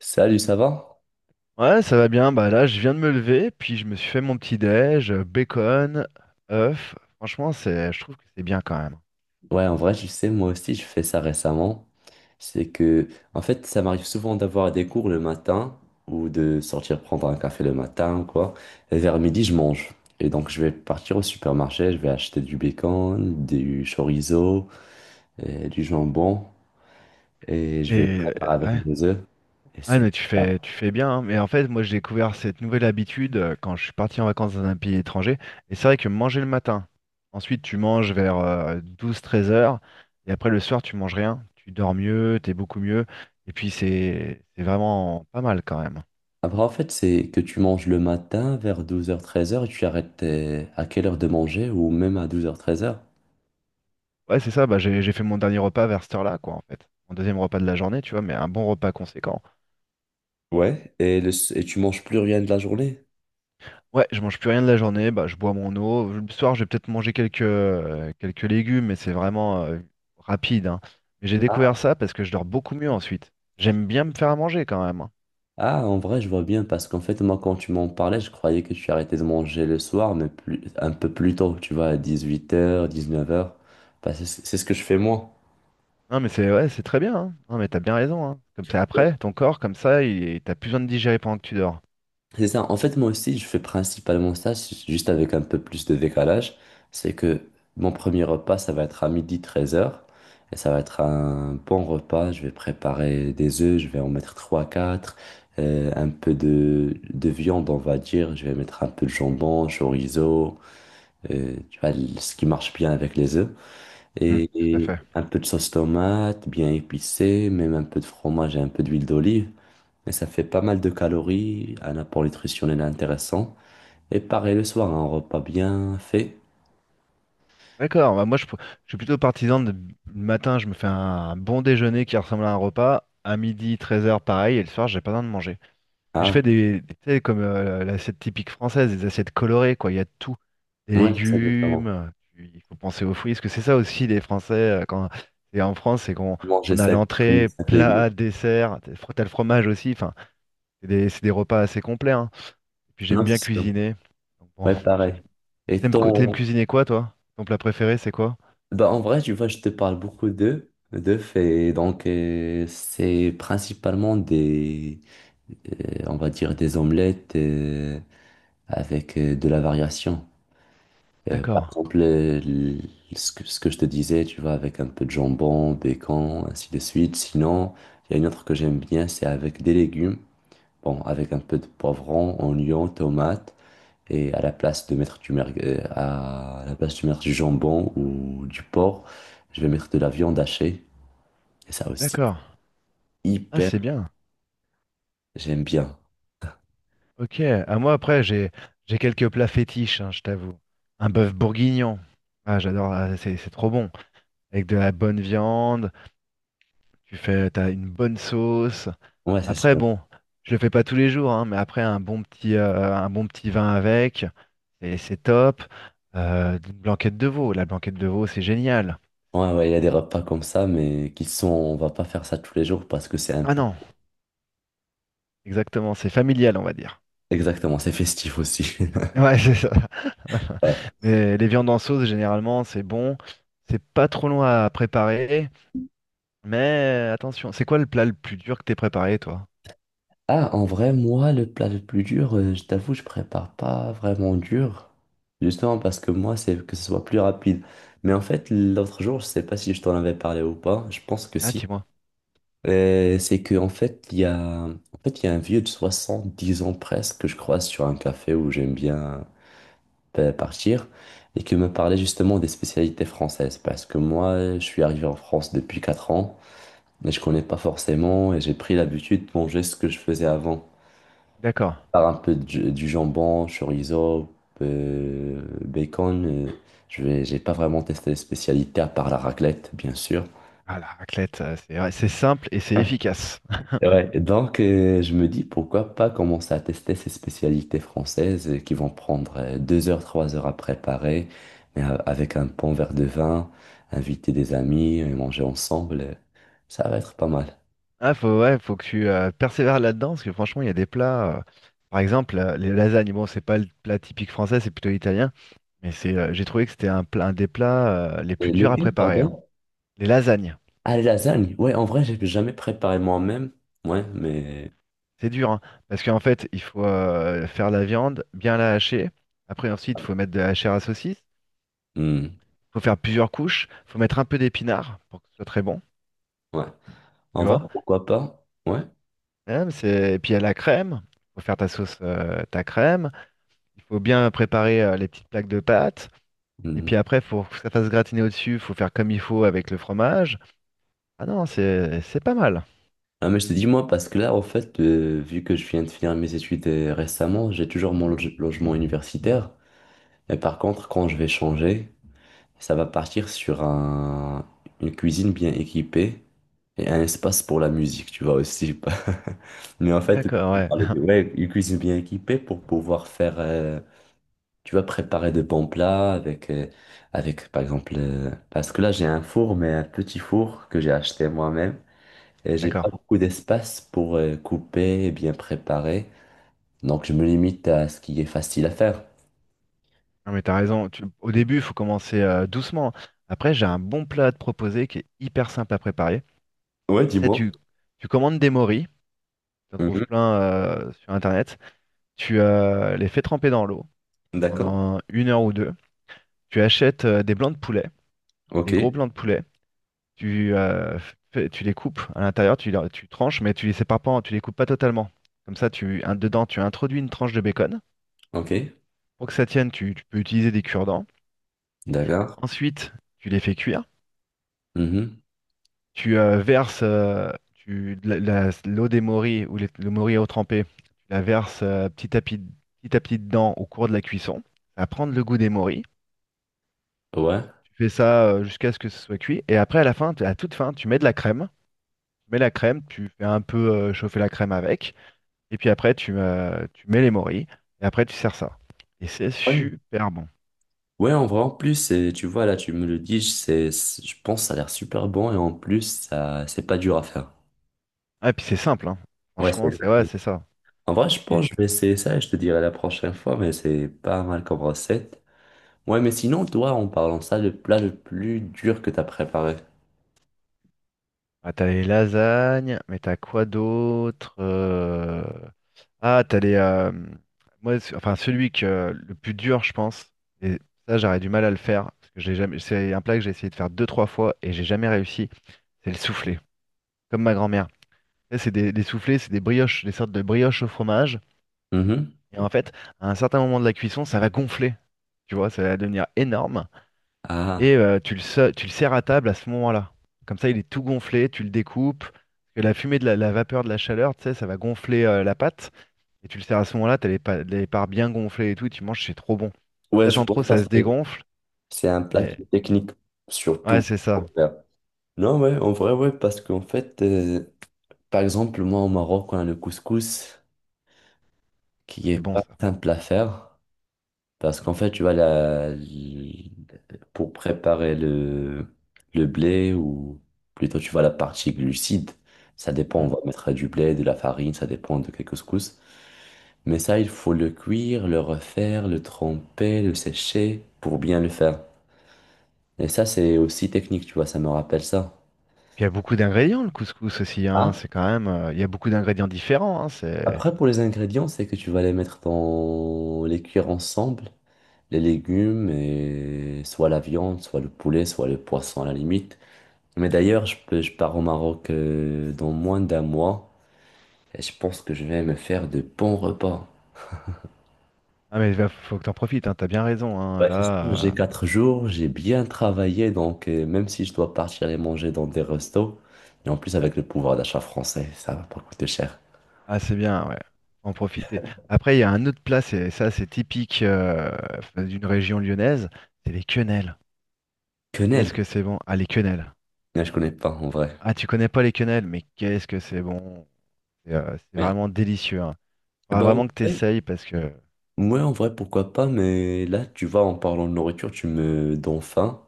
Salut, ça va? Ouais, ça va bien. Bah là, je viens de me lever, puis je me suis fait mon petit déj, bacon, œuf. Franchement, je trouve que c'est bien quand même. Ouais, en vrai, je sais, moi aussi, je fais ça récemment. C'est que, en fait, ça m'arrive souvent d'avoir des cours le matin ou de sortir prendre un café le matin ou quoi. Et vers midi, je mange. Et donc, je vais partir au supermarché, je vais acheter du bacon, du chorizo, et du jambon et je vais le Et euh, préparer avec ouais, des œufs. Et ouais, c'est mais ça. Tu fais bien, hein. Mais en fait, moi, j'ai découvert cette nouvelle habitude quand je suis parti en vacances dans un pays étranger. Et c'est vrai que manger le matin, ensuite tu manges vers 12-13 heures, et après le soir, tu manges rien. Tu dors mieux, t'es beaucoup mieux. Et puis c'est vraiment pas mal quand même. Après, en fait, c'est que tu manges le matin vers 12 heures 13 heures et tu arrêtes à quelle heure de manger ou même à 12 heures 13 heures. Ouais, c'est ça. Bah, j'ai fait mon dernier repas vers cette heure-là, quoi, en fait. Mon deuxième repas de la journée, tu vois, mais un bon repas conséquent. Ouais, et, et tu manges plus rien de la journée? Ouais, je mange plus rien de la journée. Bah, je bois mon eau. Le soir, je vais peut-être manger quelques légumes, mais c'est vraiment rapide, hein. Mais j'ai découvert Ah. ça parce que je dors beaucoup mieux ensuite. J'aime bien me faire à manger quand même, hein. Ah, en vrai, je vois bien, parce qu'en fait, moi, quand tu m'en parlais, je croyais que tu arrêtais de manger le soir, mais plus, un peu plus tôt, tu vois, à 18h, 19h. Bah, c'est ce que je fais moi. Non, mais c'est, ouais, c'est très bien, hein. Non, mais t'as bien raison, hein. Comme ça, Ouais. après, ton corps, comme ça, il t'as plus besoin de digérer pendant que tu dors. C'est ça. En fait, moi aussi, je fais principalement ça, c'est juste avec un peu plus de décalage. C'est que mon premier repas, ça va être à midi treize heures. Et ça va être un bon repas. Je vais préparer des œufs, je vais en mettre 3-4. Un peu de viande, on va dire. Je vais mettre un peu de jambon, chorizo. Tu vois, ce qui marche bien avec les œufs. Hmm, Et, tout à et fait. un peu de sauce tomate, bien épicée, même un peu de fromage et un peu d'huile d'olive. Mais ça fait pas mal de calories, un apport nutritionnel intéressant. Et pareil le soir, un repas bien fait. D'accord. Je suis plutôt partisan de le matin, je me fais un bon déjeuner qui ressemble à un repas, à midi, treize heures, pareil, et le soir j'ai pas besoin de manger. Et je Ah, fais tu sais, comme l'assiette typique française, des assiettes colorées, quoi, il y a de tout. Des moi j'essaie de faire légumes, il faut penser aux fruits, parce que c'est ça aussi les Français, quand c'est en France, c'est qu'on manger on a 5 fruits, l'entrée, 5 légumes. plat, dessert, t'as t'as le fromage aussi, enfin, c'est des repas assez complets, hein. Et puis j'aime Non, bien c'est sûr. cuisiner. Donc bon, Ouais, j'ai- pareil. Et t'aimes t'aimes ton… cuisiner, quoi, toi? Ton plat préféré c'est quoi? Bah, en vrai, tu vois, je te parle beaucoup d'œufs. D'œufs, et donc c'est principalement des, on va dire, des omelettes avec de la variation. Par D'accord. exemple, ce que je te disais, tu vois, avec un peu de jambon, bacon, ainsi de suite. Sinon, il y a une autre que j'aime bien, c'est avec des légumes. Bon, avec un peu de poivron, oignon, tomate. Et à la place de mettre à la place de mettre du jambon ou du porc, je vais mettre de la viande hachée. Et ça aussi, D'accord. Ah, hyper, c'est bien. j'aime bien. Ok. À moi, après, j'ai quelques plats fétiches, hein, je t'avoue. Un bœuf bourguignon. Ah, j'adore. Ah, c'est trop bon. Avec de la bonne viande. Tu fais, t'as une bonne sauce. Ouais, c'est Après, sûr. bon, je le fais pas tous les jours, hein, mais après un bon petit vin avec, et c'est top. Une blanquette de veau. La blanquette de veau, c'est génial. Ouais, ouais, il y a des repas comme ça, mais qui sont, on va pas faire ça tous les jours parce que c'est un Ah peu, non, exactement. C'est familial, on va dire. exactement, c'est festif aussi. Ouais, c'est ça. Ouais. Mais les viandes en sauce, généralement, c'est bon. C'est pas trop long à préparer. Mais attention, c'est quoi le plat le plus dur que t'aies préparé, toi? Ah, en vrai, moi, le plat le plus dur, je t'avoue, je prépare pas vraiment dur. Justement parce que moi, c'est que ce soit plus rapide. Mais en fait, l'autre jour, je sais pas si je t'en avais parlé ou pas. Je pense que Ah, si. dis-moi. C'est que en fait, en fait, il y a un vieux de 70 ans presque que je croise sur un café où j'aime bien partir et qui me parlait justement des spécialités françaises. Parce que moi, je suis arrivé en France depuis 4 ans et je connais pas forcément et j'ai pris l'habitude de manger ce que je faisais avant D'accord. par un peu du jambon, chorizo, bacon. Je vais, j'ai pas vraiment testé les spécialités à part la raclette, bien sûr. Ah, la raclette, ça, c'est, ouais, c'est simple et c'est efficace. Ouais, et donc je me dis pourquoi pas commencer à tester ces spécialités françaises qui vont prendre 2 heures, 3 heures à préparer, mais avec un bon verre de vin, inviter des amis, manger ensemble, ça va être pas mal. Ah, faut, ouais, faut que tu persévères là-dedans, parce que franchement, il y a des plats, par exemple, les lasagnes. Bon, c'est pas le plat typique français, c'est plutôt italien. Mais c'est, j'ai trouvé que c'était un des plats les Et plus durs à lequel, préparer, hein. pardon? Les lasagnes. Ah, les lasagnes. Ouais, en vrai, j'ai jamais préparé moi-même. Ouais, mais. C'est dur, hein, parce qu'en fait, il faut faire la viande, bien la hacher. Après, ensuite, il faut mettre de la chair à saucisse. Hmm, Il faut faire plusieurs couches. Il faut mettre un peu d'épinards pour que ce soit très bon, ouais. tu En vrai, vois. pourquoi pas? Ouais. Hein, c'est- Et puis, il y a la crème. Il faut faire ta crème. Il faut bien préparer les petites plaques de pâte. Et Mhm. puis après, il faut que ça fasse gratiner au-dessus. Il faut faire comme il faut avec le fromage. Ah non, c'est pas mal. Ah, mais je te dis moi parce que là, en fait, vu que je viens de finir mes études récemment, j'ai toujours mon logement universitaire. Mais par contre, quand je vais changer, ça va partir sur un, une cuisine bien équipée et un espace pour la musique, tu vois aussi. Mais en fait, D'accord, ouais. Ouais, une cuisine bien équipée pour pouvoir faire, tu vois, préparer de bons plats avec, avec par exemple, parce que là, j'ai un four, mais un petit four que j'ai acheté moi-même. Et j'ai pas D'accord. beaucoup d'espace pour couper et bien préparer. Donc je me limite à ce qui est facile à faire. Non, mais t'as raison. Tu- Au début, il faut commencer doucement. Après, j'ai un bon plat à te proposer qui est hyper simple à préparer. Ouais, Ça, dis-moi. Tu commandes des moris, tu en trouves Mhm. plein sur Internet. Tu les fais tremper dans l'eau D'accord. pendant une heure ou deux. Tu achètes des blancs de poulet, des gros Ok. blancs de poulet. Tu, euh, Tu les coupes à l'intérieur, tu tranches, mais tu les sépares pas, tu les coupes pas totalement. Comme ça, dedans, tu introduis une tranche de bacon. Ok. Pour que ça tienne, tu peux utiliser des cure-dents. D'accord. Ensuite, tu les fais cuire. Mhm. Tu verses l'eau des morilles, ou le morille à eau trempée, tu la verses petit à petit dedans au cours de la cuisson. Ça va prendre le goût des morilles. Ouais. Tu fais ça jusqu'à ce que ce soit cuit. Et après, à la fin, à toute fin, tu mets de la crème. Tu mets la crème, tu fais un peu chauffer la crème avec. Et puis après, tu mets les morilles. Et après, tu sers ça. Et c'est Ouais. super bon. Ouais, en vrai, en plus, tu vois, là, tu me le dis, je pense que ça a l'air super bon et en plus, ça, c'est pas dur à faire. Ah, et puis c'est simple, hein. Ouais, c'est… Franchement, c'est, ouais, c'est ça. En vrai, je pense Et que je vais essayer ça et je te dirai la prochaine fois, mais c'est pas mal comme recette. Ouais, mais sinon, toi, en parlant de ça, le plat le plus dur que t'as préparé. ah, t'as les lasagnes, mais t'as quoi d'autre? Ah, t'as les, moi, enfin, celui que le plus dur, je pense. Et ça, j'aurais du mal à le faire parce que j'ai jamais. C'est un plat que j'ai essayé de faire deux, trois fois et j'ai jamais réussi. C'est le soufflé, comme ma grand-mère. Tu sais, c'est des soufflés, c'est des brioches, des sortes de brioches au fromage. Mhm. Et en fait, à un certain moment de la cuisson, ça va gonfler. Tu vois, ça va devenir énorme. Et Ah. Tu le sers à table à ce moment-là. Comme ça, il est tout gonflé, tu le découpes. Et la fumée de la vapeur de la chaleur, tu sais, ça va gonfler la pâte. Et tu le sers à ce moment-là, t'as les parts bien gonflées et tout, et tu manges, c'est trop bon. Si Ouais, je t'attends pense trop, que ça, ça se c'est dégonfle. c'est un plat Et... qui est technique, Ouais, surtout c'est ça. pour faire. Non, ouais, en vrai, ouais, parce qu'en fait, par exemple, moi au Maroc, on a le couscous qui C'est est bon pas ça. simple à faire. Parce qu'en fait, tu vois, pour préparer le blé, ou plutôt, tu vois, la partie glucide, ça dépend, on Mm. va mettre du blé, de la farine, ça dépend de quel couscous. Mais ça, il faut le cuire, le refaire, le tremper, le sécher pour bien le faire. Et ça, c'est aussi technique, tu vois, ça me rappelle ça. Puis il y a beaucoup d'ingrédients, le couscous aussi, hein. Ah, C'est quand même, il y a beaucoup d'ingrédients différents, hein. C'est... après, pour les ingrédients, c'est que tu vas les mettre dans les cuire ensemble, les légumes et soit la viande, soit le poulet, soit le poisson à la limite. Mais d'ailleurs, je pars au Maroc dans moins d'un mois et je pense que je vais me faire de bons repas. Ah mais faut que t'en profites, hein. T'as bien raison, hein. Bah, c'est sûr, Là, j'ai 4 jours, j'ai bien travaillé, donc même si je dois partir les manger dans des restos, et en plus avec le pouvoir d'achat français, ça va pas coûter cher. ah, c'est bien, ouais. Faut en profiter. Après, il y a un autre plat, c'est ça, c'est typique d'une région lyonnaise, c'est les quenelles. Qu'est-ce Quenelle? que c'est bon? Ah, les quenelles. Non, je connais pas en vrai. Ah, tu connais pas les quenelles, mais qu'est-ce que c'est bon. C'est, c'est Ouais. vraiment délicieux, hein. Eh Faudra ben, en vraiment que vrai, t'essayes parce que ouais, en vrai, pourquoi pas, mais là, tu vois, en parlant de nourriture, tu me donnes faim.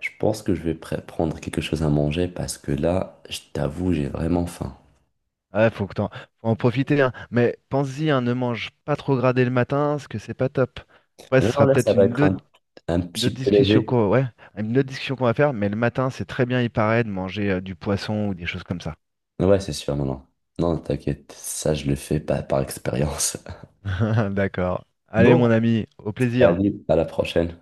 Je pense que je vais prendre quelque chose à manger parce que là, je t'avoue, j'ai vraiment faim. ah, faut que t'en... faut en profiter, hein. Mais pense-y, hein, ne mange pas trop gradé le matin, parce que c'est pas top. Après, ce Non, sera là, ça peut-être va être un une autre petit peu discussion léger. qu'on, ouais, une autre discussion qu'on va faire, mais le matin, c'est très bien, il paraît, de manger du poisson ou des choses comme ça. Ouais, c'est sûr, non, non. Non, t'inquiète, ça, je le fais pas par expérience. D'accord. Allez, Bon, mon ami, au plaisir. salut, à la prochaine.